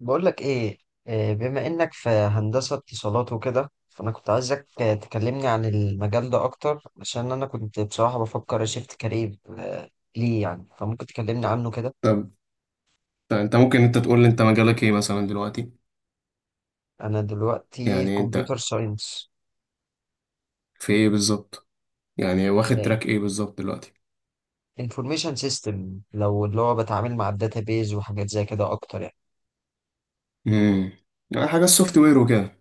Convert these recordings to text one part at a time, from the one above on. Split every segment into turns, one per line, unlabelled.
بقول لك ايه. بما انك في هندسة اتصالات وكده، فانا كنت عايزك تكلمني عن المجال ده اكتر، عشان انا كنت بصراحة بفكر اشيفت كارير ليه يعني؟ فممكن تكلمني عنه كده.
طب طب، انت ممكن تقول لي انت مجالك ايه مثلا دلوقتي؟
انا دلوقتي
يعني انت
كمبيوتر ساينس
في ايه بالظبط؟ يعني واخد تراك ايه بالظبط دلوقتي؟
انفورميشن سيستم، لو اللي هو بتعامل مع الداتابيز وحاجات زي كده اكتر يعني.
امم يعني حاجه السوفت وير وكده؟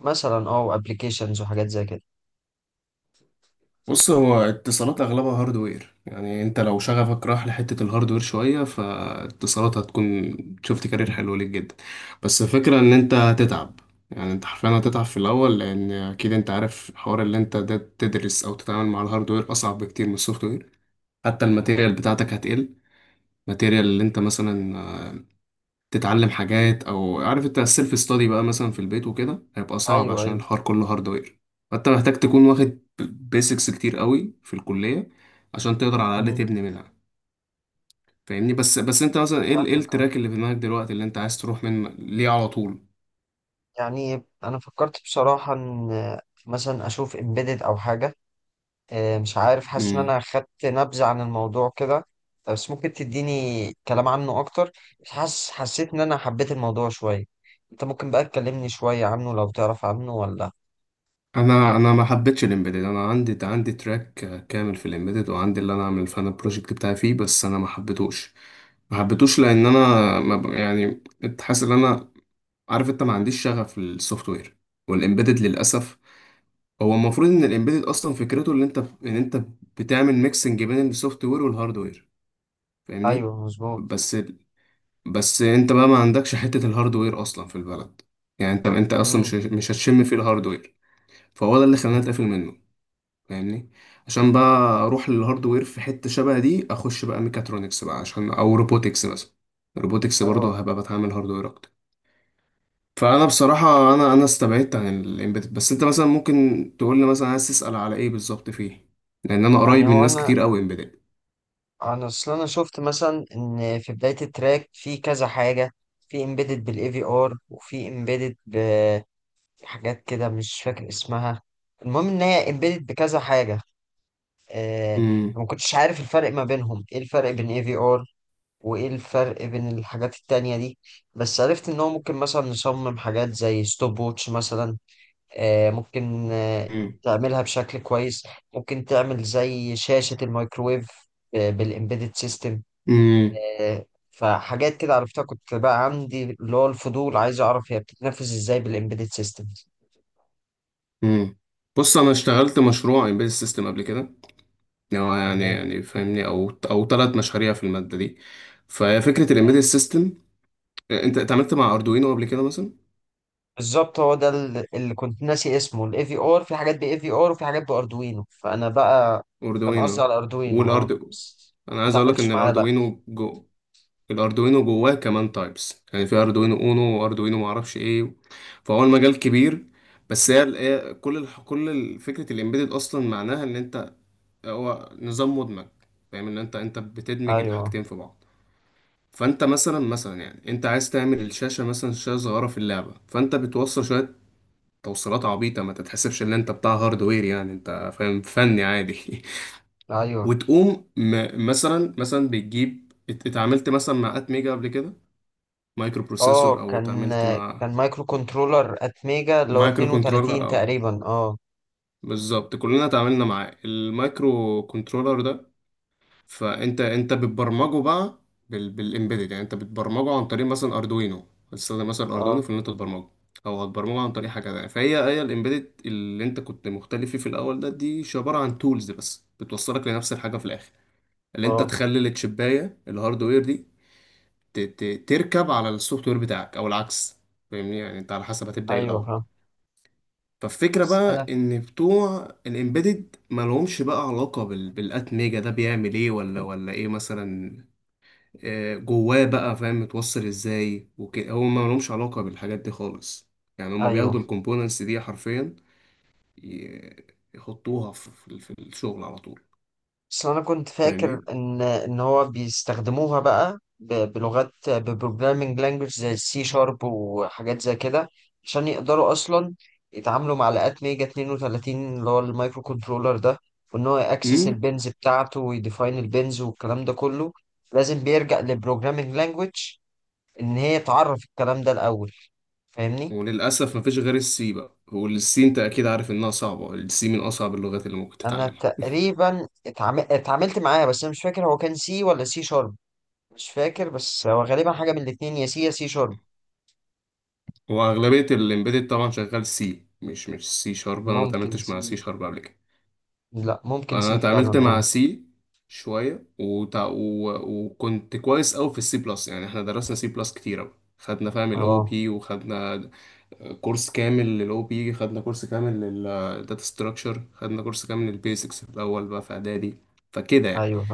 مثلا وابلكيشنز وحاجات زي كده.
بص، هو اتصالات اغلبها هاردوير، يعني انت لو شغفك راح لحته الهاردوير شويه، فاتصالات هتكون شفت كارير حلو ليك جدا. بس الفكره ان انت هتتعب، يعني انت حرفيا هتتعب في الاول، لان اكيد انت عارف حوار اللي انت ده، تدرس او تتعامل مع الهاردوير اصعب بكتير من السوفت وير. حتى الماتيريال بتاعتك هتقل، الماتيريال اللي انت مثلا تتعلم حاجات، او عارف انت السيلف ستادي بقى مثلا في البيت وكده هيبقى صعب
ايوه،
عشان
ايوه.
الحوار كله هاردوير. فانت محتاج تكون واخد بيسكس كتير قوي في الكلية عشان تقدر على الاقل
مم،
تبني منها. فاهمني؟ بس انت مثلا ايه
فاهمك. اه
التراك اللي في دماغك دلوقتي اللي انت عايز تروح من ليه على طول؟
يعني انا فكرت بصراحة ان مثلا اشوف امبيدد او حاجة. مش عارف، حاسس ان
امم
انا خدت نبذة عن الموضوع كده، بس ممكن تديني كلام عنه اكتر. مش حاسس حسيت ان انا حبيت الموضوع شوية. انت ممكن بقى تكلمني شوية عنه لو تعرف عنه ولا؟
انا ما حبيتش الامبيدد. انا عندي تراك كامل في الامبيدد، وعندي اللي انا اعمل فانا البروجكت بتاعي فيه، بس انا ما حبيتهوش. لان انا ما ب- يعني كنت حاسس ان انا، عارف انت، ما عنديش شغف للسوفت وير والامبيدد للاسف. هو المفروض ان الامبيدد اصلا فكرته ان انت بتعمل ميكسنج بين السوفت وير والهارد وير. فاهمني؟
ايوه، مظبوط.
بس بس انت بقى ما عندكش حته الهارد وير اصلا في البلد، يعني انت اصلا
امم
مش هتشم فيه الهارد وير. فهو ده اللي خلاني اتقفل منه، فاهمني؟ عشان بقى اروح للهارد وير في حته شبه دي، اخش بقى ميكاترونكس بقى، عشان او روبوتكس مثلا. روبوتكس برضه
اه
هبقى بتعامل هارد وير اكتر. فانا بصراحه، انا استبعدت عن الامبيدد. بس انت مثلا ممكن تقول لي مثلا عايز تسال على ايه بالظبط فيه، لان انا
يعني
قريب من
هو
ناس
انا
كتير قوي امبيدد.
انا اصل انا شفت مثلا ان في بداية التراك في كذا حاجة، في امبيدد بالاي في ار وفي امبيدد بحاجات كده مش فاكر اسمها. المهم ان هي امبيدد بكذا حاجة. آه،
امم.
ما كنتش عارف الفرق ما بينهم، ايه الفرق بين اي في ار وايه الفرق بين الحاجات التانية دي. بس عرفت ان هو ممكن مثلا نصمم حاجات زي ستوب ووتش مثلا. ممكن
امم.
تعملها بشكل كويس، ممكن تعمل زي شاشة الميكرويف بالإمبيدد سيستم.
امم.
فحاجات كده عرفتها، كنت بقى عندي اللي هو الفضول عايز أعرف هي بتتنفذ إزاي بالإمبيدد
أمم. بص، انا اشتغلت مشروع امبيدد سيستم قبل كده، يعني هو يعني
سيستم.
يعني فاهمني، او ثلاث مشاريع في الماده دي. فهي فكره الامبيدد سيستم. انت اتعاملت مع اردوينو قبل كده مثلا
بالظبط، هو ده اللي كنت ناسي اسمه، الاي في ار. في حاجات باي في ار وفي حاجات باردوينو، فانا بقى كان قصدي
اردوينو؟
على اردوينو
والاردو
بس
انا
ما
عايز اقول لك
اتعاملتش
ان
معاه، لا.
الاردوينو جواه كمان تايبس، يعني في اردوينو اونو واردوينو معرفش ايه، فهو المجال كبير. بس هي ال- هي كل الح- كل ال- فكره الامبيدد اصلا معناها ان انت، هو نظام مدمج، فاهم ان انت بتدمج
ايوه،
الحاجتين في بعض. فانت مثلا يعني انت عايز تعمل الشاشه، مثلا شاشه صغيره في اللعبه، فانت بتوصل شويه توصيلات عبيطه، ما تتحسبش ان انت بتاع هاردوير، يعني انت فاهم، فني عادي.
ايوه.
وتقوم مثلا بتجيب اتعاملت مثلا مع ات ميجا قبل كده؟ مايكرو
اه
بروسيسور، او
كان
اتعاملت مع
كان مايكرو كنترولر اتميجا اللي هو
مايكرو كنترولر؟
32 تقريبا. اه،
بالظبط، كلنا اتعاملنا معاه المايكرو كنترولر ده. فانت بتبرمجه بقى بالامبيدد، يعني انت بتبرمجه عن طريق مثلا اردوينو، هتستخدم مثلا اردوينو
اه،
في ان انت تبرمجه، او هتبرمجه عن طريق حاجه تانية. فهي الامبيدد اللي انت كنت مختلف فيه في الاول ده، دي عباره عن تولز بس بتوصلك لنفس الحاجه في الاخر، اللي انت
اه،
تخلي التشبايه الهاردوير دي ت... ت... تركب على السوفت وير بتاعك او العكس. فاهمني؟ يعني انت على حسب هتبدا ايه
ايوه،
الاول.
فاهم.
فالفكرة
بس
بقى
انا
إن بتوع الإمبيدد مالهمش بقى علاقة بالأت ميجا، ده بيعمل إيه، ولا إيه مثلا. جواه بقى فاهم متوصل إزاي وكده، هو مالهمش علاقة بالحاجات دي خالص. يعني هما
ايوه.
بياخدوا الكومبوننتس دي حرفيا، ي- يحطوها في الشغل على طول.
بس انا كنت فاكر
فاهمني؟
ان هو بيستخدموها بقى بلغات ببروجرامينج لانجوج زي السي شارب وحاجات زي كده، عشان يقدروا اصلا يتعاملوا مع لقات ميجا 32 اللي هو المايكرو كنترولر ده، وان هو ياكسس
امم
البنز بتاعته ويديفاين البنز والكلام ده كله. لازم بيرجع لبروجرامينج لانجوج ان هي تعرف الكلام ده الاول، فاهمني.
وللأسف مفيش غير السي بقى، والسي أنت أكيد عارف إنها صعبة، السي من أصعب اللغات اللي ممكن
انا
تتعلمها.
تقريبا اتعاملت معاه، بس انا مش فاكر هو كان سي ولا سي شارب. مش فاكر، بس هو غالبا حاجة من الاتنين، يا سي يا سي شارب.
واغلبيه الامبيدد طبعا شغال سي، مش سي شارب. انا ما
ممكن
اتعاملتش مع سي
سي.
شارب قبل كده.
لا، ممكن
انا
سي فعلا،
اتعاملت مع
اه.
سي شويه وكنت كويس قوي في السي بلس، يعني احنا درسنا سي بلس كتير قوي، خدنا فاهم الاو
اه،
بي وخدنا كورس كامل للاو بي، خدنا كورس كامل للداتا ستراكشر، خدنا كورس كامل للبيزكس في الاول بقى في اعدادي، فكده يعني.
ايوه،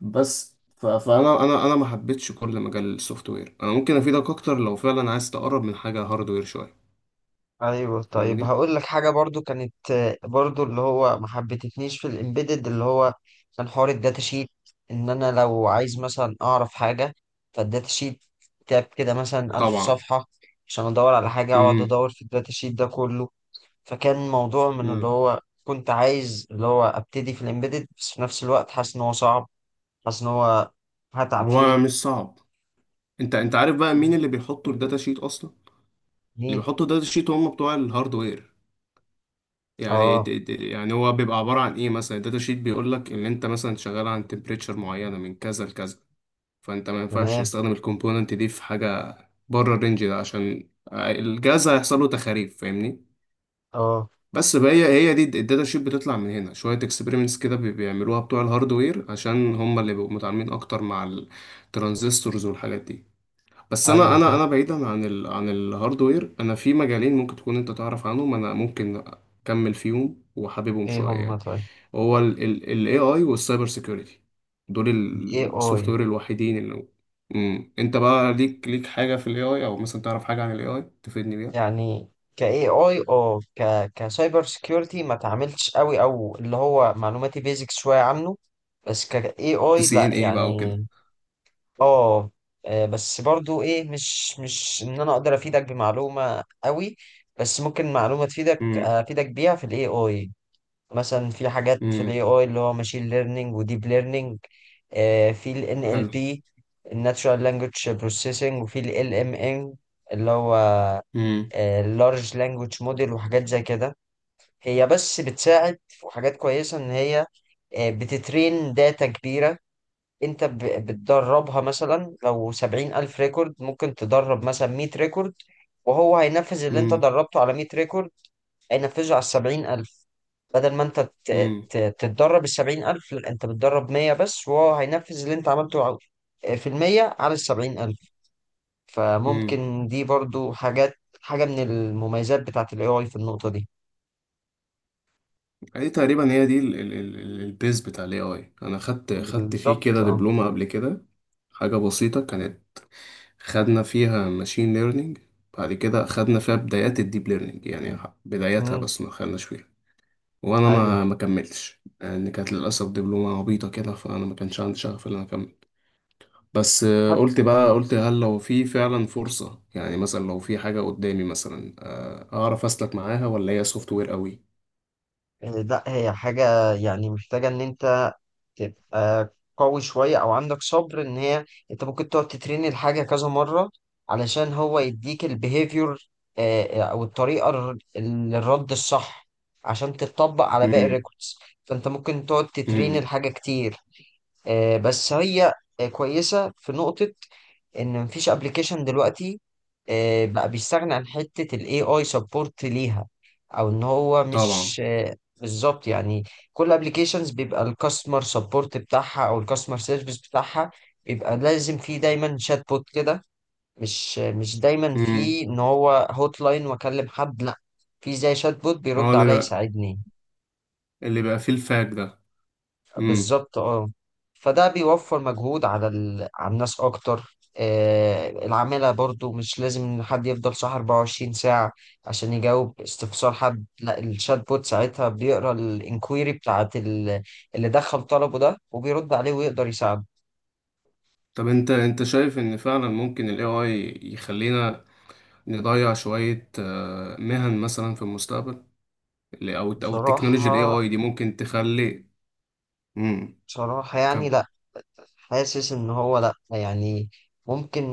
بس ف- فانا انا انا ما حبيتش كل مجال السوفت وير، انا ممكن افيدك اكتر لو فعلا عايز تقرب من حاجه هاردوير شويه.
ايوه، طيب.
فاهمني؟
هقول لك حاجة برضو كانت برضو اللي هو ما حبتنيش في الامبيدد، اللي هو كان حوار الداتا شيت. ان انا لو عايز مثلا اعرف حاجة، فالداتا شيت كتاب كده مثلا 1000
طبعا.
صفحة. عشان ادور على حاجة، اقعد
امم.
ادور في الداتا شيت ده كله. فكان موضوع من اللي
امم.
هو كنت عايز اللي هو ابتدي في الامبيدد، بس في نفس الوقت حاسس ان هو صعب، حاسس ان هو هتعب
هو
فيه.
مش صعب. انت عارف بقى مين
مم.
اللي بيحطوا الداتا شيت اصلا؟ اللي
ليه؟
بيحطوا الداتا شيت هم بتوع الهاردوير، يعني
اه،
يعني هو بيبقى عباره عن ايه، مثلا الداتا شيت بيقول لك ان انت مثلا شغال عن تمبريتشر معينه من كذا لكذا، فانت ما ينفعش
تمام،
تستخدم الكومبوننت دي في حاجه بره الرينج ده عشان الجهاز هيحصل له تخاريف، فاهمني؟
اه،
بس بقى هي هي دي الداتا شيت، بتطلع من هنا شويه اكسبيرمنتس كده بيعملوها بتوع الهاردوير، عشان هم اللي بيبقوا متعاملين اكتر مع الترانزستورز والحاجات دي. بس انا
ايوه،
انا
فاهم.
انا بعيدا عن عن الهاردوير، انا في مجالين ممكن تكون انت تعرف عنهم، انا ممكن اكمل فيهم وحاببهم
ايه
شويه
هم
يعني.
طيب؟
هو ال AI والسايبر سيكيورتي، دول
AI.
السوفت وير الوحيدين اللي انت بقى ليك حاجه في ال AI، او مثلا تعرف حاجه عن ال AI تفيدني بيها؟
يعني ك AI، اه ك كسايبر سكيورتي ما تعاملتش قوي، او اللي هو معلوماتي بيزك شويه عنه. بس ك AI
تسي
لا
ان ايه بقى
يعني،
وكده.
اه بس برضو ايه، مش ان انا اقدر افيدك بمعلومه قوي، بس ممكن معلومه
امم.
افيدك بيها في الAI. مثلا في حاجات في
امم.
الAI اللي هو ماشين ليرنينج وديب ليرنينج، في ال
حلو.
NLP، الناتشورال لانجوج بروسيسنج، وفي ال LMM اللي هو
امم.
اللارج لانجوج موديل وحاجات زي كده. هي بس بتساعد في حاجات كويسة ان هي بتترين داتا كبيرة. انت بتدربها مثلا لو 70,000 ريكورد، ممكن تدرب مثلا 100 ريكورد، وهو هينفذ اللي انت
امم.
دربته على 100 ريكورد، هينفذه على 70,000. بدل ما انت
امم.
تتدرب 70,000، لا، انت بتدرب 100 بس، وهو هينفذ اللي انت عملته في 100 على 70,000.
امم.
فممكن دي برضو حاجة من المميزات بتاعة ال AI في النقطة دي.
دي تقريبا هي دي البيز بتاع الاي اي، انا خدت فيه
بالظبط،
كده
اه.
دبلومه قبل كده، حاجه بسيطه كانت. خدنا فيها ماشين ليرنينج، بعد كده خدنا فيها بدايات الديب ليرنينج، يعني بداياتها
مم.
بس، ما خدناش فيها. وانا
ايوه.
ما كملتش لان كانت للاسف دبلومه عبيطه كده، فانا ما كانش عندي شغف ان انا اكمل. بس
حت-
قلت هل لو في فعلا فرصه، يعني مثلا لو في حاجه قدامي مثلا، اعرف اسلك معاها ولا هي سوفت وير قوي؟
لا، هي حاجة يعني محتاجة ان انت تبقى قوي شوية، أو عندك صبر إن هي أنت ممكن تقعد تترين الحاجة كذا مرة علشان هو يديك البيهيفير أو الطريقة الرد الصح، عشان تتطبق على باقي
امم.
الريكوردز. فأنت ممكن تقعد تترين
امم.
الحاجة كتير. بس هي كويسة في نقطة ان مفيش ابلكيشن دلوقتي بقى بيستغني عن حتة ال AI support ليها، او ان هو
طبعا.
مش بالظبط يعني. كل ابلكيشنز بيبقى الكاستمر سبورت بتاعها او الكاستمر سيرفيس بتاعها بيبقى لازم فيه دايما شات بوت كده، مش مش دايما
امم.
فيه ان هو هوت لاين واكلم حد، لا. في زي شات بوت
اه،
بيرد
اللي
عليا
بقى
يساعدني.
اللي بقى فيه الفاك ده. امم.
بالظبط، اه. فده بيوفر مجهود على على الناس اكتر. العمالة برضو مش لازم إن حد يفضل صح 24 ساعة عشان يجاوب استفسار حد، لا. الشات بوت ساعتها بيقرا الانكويري بتاعت اللي دخل طلبه ده، وبيرد عليه ويقدر يساعده.
طب انت شايف ان فعلا ممكن ال AI يخلينا نضيع شوية مهن مثلا في المستقبل، او التكنولوجيا ال
بصراحة،
AI دي ممكن تخلي. امم.
بصراحة يعني،
كم.
لا. حاسس ان هو لا يعني، ممكن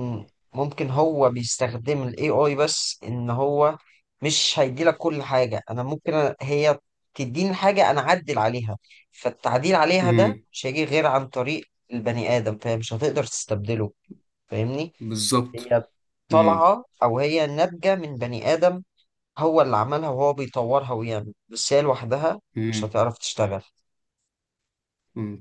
ممكن هو بيستخدم ال AI بس ان هو مش هيديلك كل حاجة. انا ممكن هي تديني حاجة انا اعدل عليها، فالتعديل عليها ده
امم.
مش هيجي غير عن طريق البني ادم، فمش هتقدر تستبدله، فاهمني.
بالظبط.
هي
امم.
طالعة او هي ناتجة من بني ادم، هو اللي عملها وهو بيطورها ويعمل، بس هي لوحدها مش هتعرف تشتغل.
امم.